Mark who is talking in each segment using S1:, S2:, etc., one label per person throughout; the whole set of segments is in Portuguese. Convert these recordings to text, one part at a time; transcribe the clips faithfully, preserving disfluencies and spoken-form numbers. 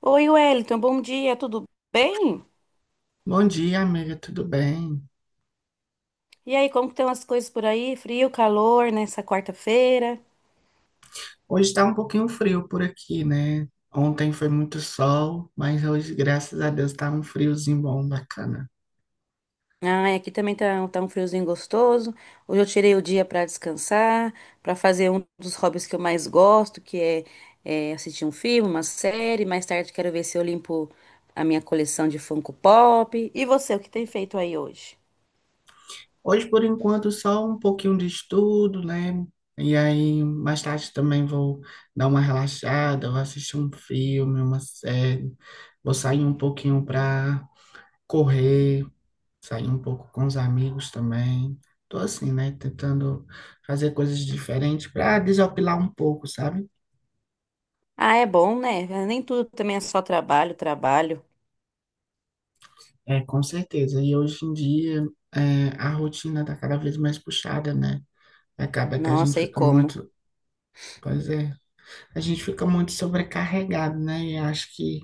S1: Oi, Wellington, bom dia, tudo bem?
S2: Bom dia, amiga, tudo bem?
S1: E aí, como que estão as coisas por aí? Frio, calor nessa quarta-feira?
S2: Hoje está um pouquinho frio por aqui, né? Ontem foi muito sol, mas hoje, graças a Deus, está um friozinho bom, bacana.
S1: Ah, é, aqui também tá, tá um friozinho gostoso. Hoje eu tirei o dia para descansar, para fazer um dos hobbies que eu mais gosto, que é, é assistir um filme, uma série. Mais tarde quero ver se eu limpo a minha coleção de Funko Pop. E você, o que tem feito aí hoje?
S2: Hoje, por enquanto, só um pouquinho de estudo, né? E aí, mais tarde também vou dar uma relaxada, vou assistir um filme, uma série, vou sair um pouquinho para correr, sair um pouco com os amigos também. Tô assim, né? Tentando fazer coisas diferentes para desopilar um pouco, sabe?
S1: Ah, é bom, né? Nem tudo também é só trabalho, trabalho.
S2: É, com certeza. E hoje em dia, é, a rotina está cada vez mais puxada, né? Acaba que a
S1: Nossa,
S2: gente
S1: e
S2: fica
S1: como?
S2: muito, pois é, a gente fica muito sobrecarregado, né? E acho que,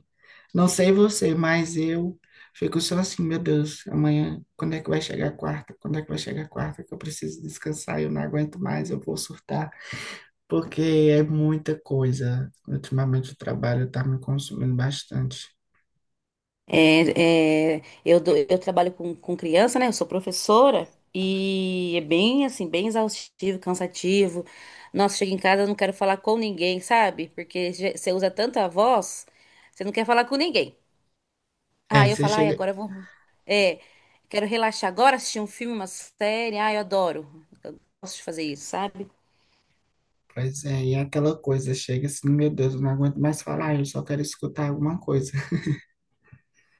S2: não sei você, mas eu fico só assim, meu Deus, amanhã, quando é que vai chegar a quarta? Quando é que vai chegar a quarta? Que eu preciso descansar, eu não aguento mais, eu vou surtar, porque é muita coisa. Ultimamente o trabalho está me consumindo bastante.
S1: É, é, eu, dou- eu trabalho com, com criança, né? Eu sou professora e é bem assim, bem exaustivo, cansativo. Nossa, chego em casa, eu não quero falar com ninguém, sabe? Porque já- você usa tanta voz, você não quer falar com ninguém.
S2: É,
S1: Ah, eu
S2: você
S1: falo, ai, agora
S2: chega.
S1: eu vou. É, quero relaxar agora, assistir um filme, uma série. Ai, eu adoro. Gosto de fazer isso, sabe?
S2: Pois é, e é aquela coisa, chega assim, meu Deus, eu não aguento mais falar, eu só quero escutar alguma coisa.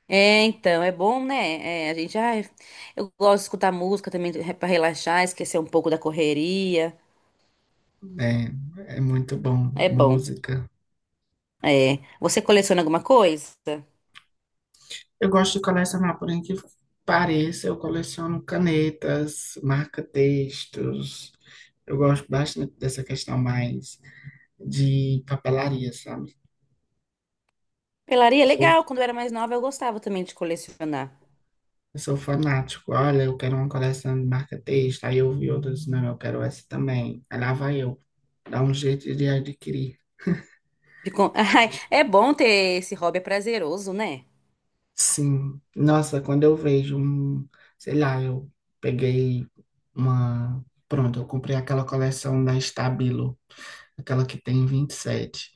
S1: É, então, é bom, né? É, a gente, ai, eu gosto de escutar música também para relaxar, esquecer um pouco da correria.
S2: É, é muito bom,
S1: É bom.
S2: música.
S1: É. Você coleciona alguma coisa?
S2: Eu gosto de colecionar, porém que pareça, eu coleciono canetas, marca-textos. Eu gosto bastante dessa questão mais de papelaria, sabe?
S1: Pelaria, é
S2: Sou,
S1: legal. Quando eu era mais nova, eu gostava também de colecionar.
S2: eu sou fanático. Olha, eu quero uma coleção de marca-texto. Aí eu vi outras, não, eu quero essa também. Aí lá vai eu, dá um jeito de adquirir.
S1: De con- Ai, é bom ter esse hobby, é prazeroso, né?
S2: Sim, nossa, quando eu vejo um, sei lá, eu peguei uma, pronto, eu comprei aquela coleção da Stabilo, aquela que tem vinte e sete.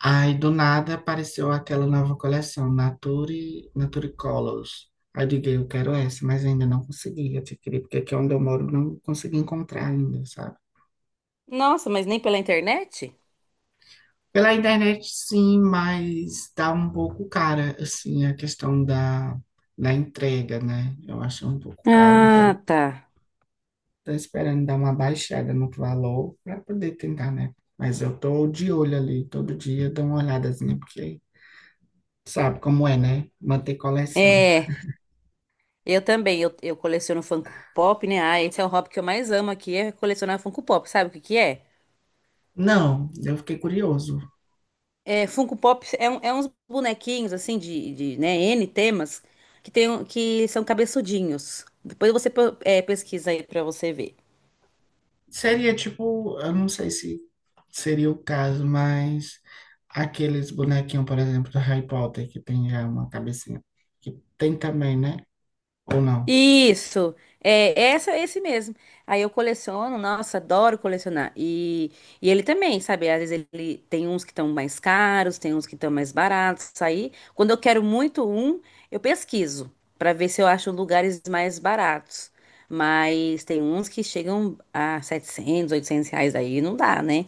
S2: Aí do nada apareceu aquela nova coleção, Nature, Nature Colors. Aí eu digo, eu quero essa, mas ainda não consegui adquirir, porque aqui onde eu moro não consegui encontrar ainda, sabe?
S1: Nossa, mas nem pela internet?
S2: Pela internet, sim, mas tá um pouco cara, assim, a questão da, da entrega, né? Eu acho um pouco cara, então
S1: Ah, tá.
S2: tô esperando dar uma baixada no valor para poder tentar, né? Mas eu tô de olho ali, todo dia eu dou uma olhadazinha, porque sabe como é, né? Manter coleção.
S1: É, eu também. Eu, eu coleciono Funko Pop, né? Ah, esse é o hobby que eu mais amo aqui, é colecionar Funko Pop. Sabe o que que é?
S2: Não, eu fiquei curioso.
S1: É, Funko Pop é, um- é uns bonequinhos, assim, de, de, né, N temas, que, tem, um- que são cabeçudinhos. Depois você pô- é, pesquisa aí pra você ver.
S2: Seria tipo, eu não sei se seria o caso, mas aqueles bonequinhos, por exemplo, do Harry Potter, que tem já uma cabecinha, que tem também, né? Ou não?
S1: Isso, é essa, esse mesmo. Aí eu coleciono, nossa, adoro colecionar. E, e ele também, sabe? Às vezes ele tem uns que estão mais caros, tem uns que estão mais baratos. Aí, quando eu quero muito um, eu pesquiso para ver se eu acho lugares mais baratos. Mas tem uns que chegam a setecentos, oitocentos reais aí, não dá, né?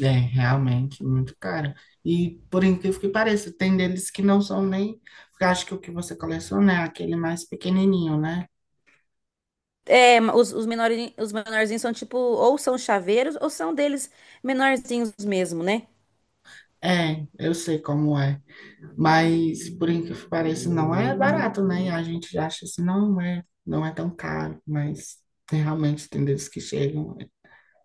S2: É, realmente, muito caro. E por incrível que pareça, tem deles que não são nem. Porque acho que o que você coleciona é aquele mais pequenininho, né?
S1: É, ma- os, os menores, os menorzinhos são tipo, ou são chaveiros, ou são deles menorzinhos mesmo, né?
S2: É, eu sei como é. Mas por incrível que pareça, não é barato, né? E a gente já acha assim, não é, não é tão caro, mas tem, realmente tem deles que chegam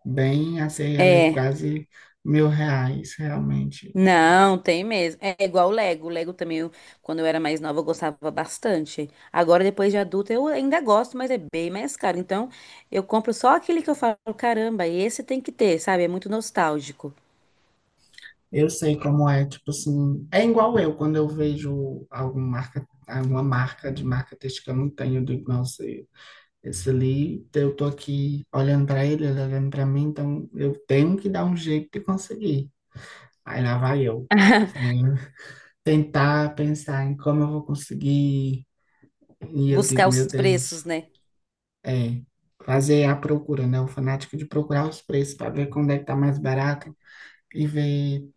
S2: bem a ser ali
S1: É.
S2: quase mil reais, realmente.
S1: Não, tem mesmo. É igual o Lego. O Lego também, eu- quando eu era mais nova, eu gostava bastante. Agora, depois de adulta, eu ainda gosto, mas é bem mais caro. Então, eu compro só aquele que eu falo, caramba, esse tem que ter, sabe? É muito nostálgico.
S2: Eu sei como é, tipo assim, é igual eu quando eu vejo algum marca, alguma marca de marca textil que eu não tenho, eu digo, nossa, esse ali, eu tô aqui olhando para ele, ele tá olhando para mim, então eu tenho que dar um jeito de conseguir. Aí lá vai eu, é, tentar pensar em como eu vou conseguir, e eu digo,
S1: Buscar os
S2: meu Deus,
S1: preços, né?
S2: é, fazer a procura, né? O fanático de procurar os preços para ver quando é que tá mais barato e ver.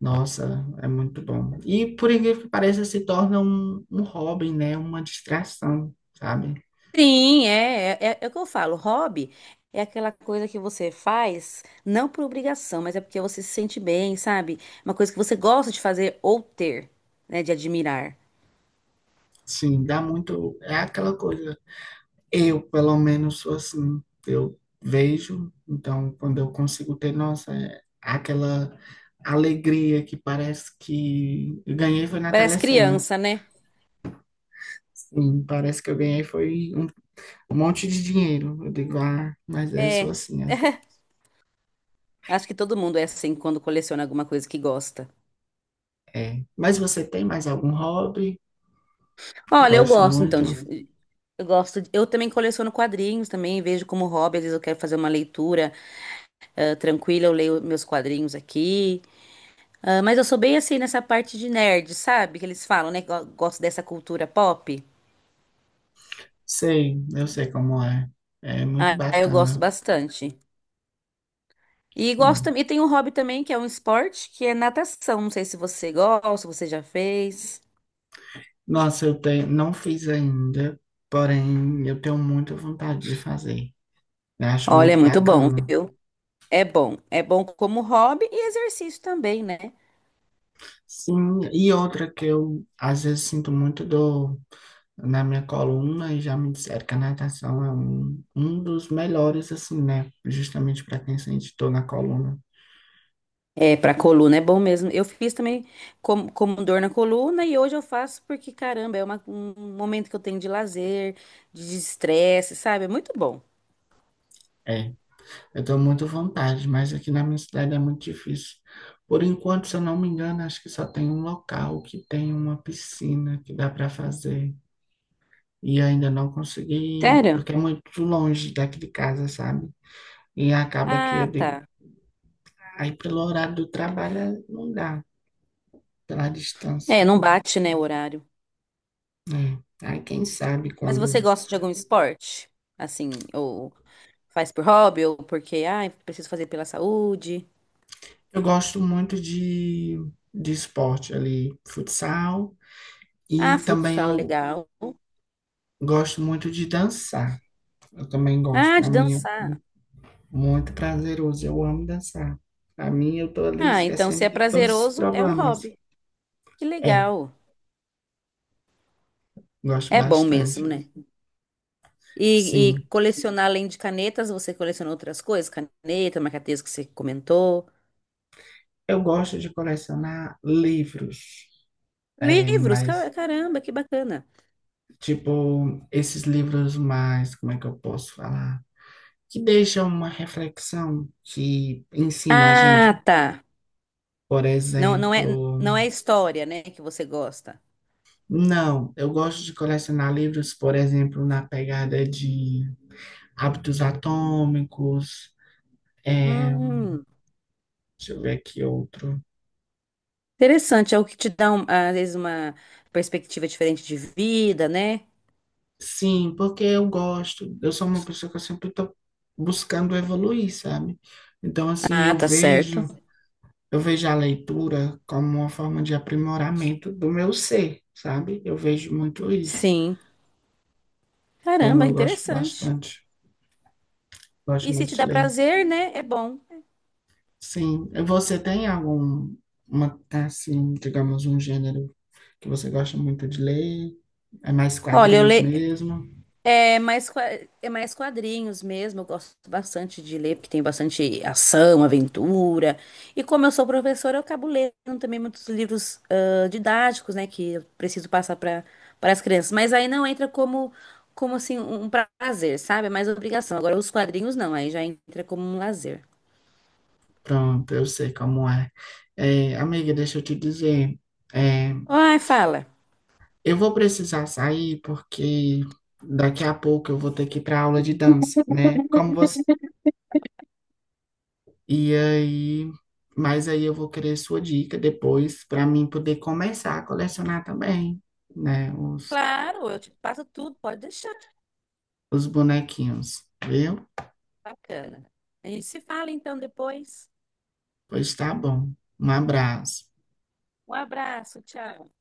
S2: Nossa, é muito bom. E por incrível que pareça, se torna um, um hobby, né? Uma distração, sabe?
S1: Sim, é, é, é é o que eu falo. Hobby é aquela coisa que você faz, não por obrigação, mas é porque você se sente bem, sabe? Uma coisa que você gosta de fazer ou ter, né? De admirar.
S2: Sim, dá muito. É aquela coisa. Eu, pelo menos, sou assim. Eu vejo, então, quando eu consigo ter, nossa, é aquela alegria que parece que eu ganhei foi na
S1: Parece
S2: telecena.
S1: criança, né?
S2: Sim, parece que eu ganhei foi um um monte de dinheiro. Eu digo, ah, mas eu sou
S1: É.
S2: assim. É.
S1: Acho que todo mundo é assim quando coleciona alguma coisa que gosta.
S2: É. Mas você tem mais algum hobby que
S1: Olha, eu
S2: gosta
S1: gosto então de.
S2: muito?
S1: Eu gosto. de- Eu também coleciono quadrinhos também, vejo como hobby, às vezes eu quero fazer uma leitura ah, tranquila, eu leio meus quadrinhos aqui. Ah, mas eu sou bem assim nessa parte de nerd, sabe? Que eles falam, né? Que gosto dessa cultura pop.
S2: Sei, eu sei como é. É muito
S1: Ah, eu gosto
S2: bacana.
S1: bastante. E gosto
S2: Sim.
S1: também. E tem um hobby também que é um esporte, que é natação. Não sei se você gosta, se você já fez.
S2: Nossa, eu tenho, não fiz ainda, porém eu tenho muita vontade de fazer. Eu acho
S1: Olha, é
S2: muito
S1: muito bom,
S2: bacana.
S1: viu? É bom. É bom como hobby e exercício também, né?
S2: Sim, e outra que eu às vezes sinto muito dor na minha coluna e já me disseram que a natação é um, um dos melhores, assim, né? Justamente para quem sente dor na coluna.
S1: É, pra coluna é bom mesmo. Eu fiz também como, como dor na coluna e hoje eu faço porque, caramba, é uma- um momento que eu tenho de lazer, de desestresse, sabe? É muito bom.
S2: É. Eu tenho muita vontade, mas aqui na minha cidade é muito difícil. Por enquanto, se eu não me engano, acho que só tem um local que tem uma piscina que dá para fazer. E ainda não consegui,
S1: Sério?
S2: porque é muito longe daqui de casa, sabe? E acaba que eu
S1: Ah,
S2: digo,
S1: tá.
S2: aí pelo horário do trabalho eh, não dá, pela
S1: É,
S2: distância.
S1: não bate, né, o horário.
S2: É. Aí quem sabe
S1: Mas você
S2: quando.
S1: gosta de algum esporte? Assim, ou faz por hobby, ou porque, ah, preciso fazer pela saúde.
S2: Eu gosto muito de, de esporte ali, futsal,
S1: Ah,
S2: e também
S1: futsal,
S2: eu
S1: legal.
S2: gosto muito de dançar. Eu também gosto.
S1: Ah,
S2: Para
S1: de
S2: mim é
S1: dançar.
S2: muito prazeroso. Eu amo dançar. Para mim, eu tô ali
S1: Ah, então se
S2: esquecendo
S1: é
S2: de todos os
S1: prazeroso, é um
S2: problemas.
S1: hobby. Que
S2: É,
S1: legal.
S2: gosto
S1: É bom
S2: bastante.
S1: mesmo, né? E, e
S2: Sim.
S1: colecionar além de canetas, você coleciona outras coisas? Caneta, marca-texto que você comentou.
S2: Eu gosto de colecionar livros. É,
S1: Livros,
S2: mas,
S1: ca- caramba, que bacana.
S2: tipo, esses livros mais, como é que eu posso falar? Que deixam uma reflexão, que ensina a gente.
S1: Ah, tá.
S2: Por
S1: Não, não é,
S2: exemplo,
S1: não é história, né, que você gosta.
S2: não, eu gosto de colecionar livros, por exemplo, na pegada de Hábitos Atômicos, é,
S1: Hum,
S2: deixa eu ver aqui outro.
S1: interessante, é o que te dá, um- às vezes, uma perspectiva diferente de vida, né?
S2: Sim, porque eu gosto, eu sou uma pessoa que eu sempre estou buscando evoluir, sabe? Então, assim,
S1: Ah,
S2: eu
S1: tá certo.
S2: vejo, eu vejo a leitura como uma forma de aprimoramento do meu ser, sabe? Eu vejo muito isso.
S1: Sim.
S2: Então,
S1: Caramba,
S2: eu gosto
S1: interessante.
S2: bastante, gosto
S1: E se
S2: muito
S1: te
S2: de
S1: dá
S2: ler.
S1: prazer, né? É bom.
S2: Sim, e você tem algum, uma, assim, digamos, um gênero que você gosta muito de ler? É mais
S1: Olha, eu
S2: quadrinhos
S1: leio.
S2: mesmo?
S1: É mais, qua- é mais quadrinhos mesmo. Eu gosto bastante de ler, porque tem bastante ação, aventura. E como eu sou professora, eu acabo lendo também muitos livros ah, didáticos, né? Que eu preciso passar para para as crianças. Mas aí não entra como, como assim, um um prazer, sabe? É mais obrigação. Agora, os quadrinhos não, aí já entra como um lazer.
S2: Pronto, eu sei como é. É, amiga, deixa eu te dizer, é,
S1: Ai, fala.
S2: eu vou precisar sair porque daqui a pouco eu vou ter que ir para aula de dança, né? Como você. E aí, mas aí eu vou querer sua dica depois para mim poder começar a colecionar também, né? Os,
S1: Claro, eu te passo tudo, pode deixar.
S2: os bonequinhos, viu?
S1: Bacana. A gente se fala então depois.
S2: Pois tá bom. Um abraço.
S1: Um abraço, tchau.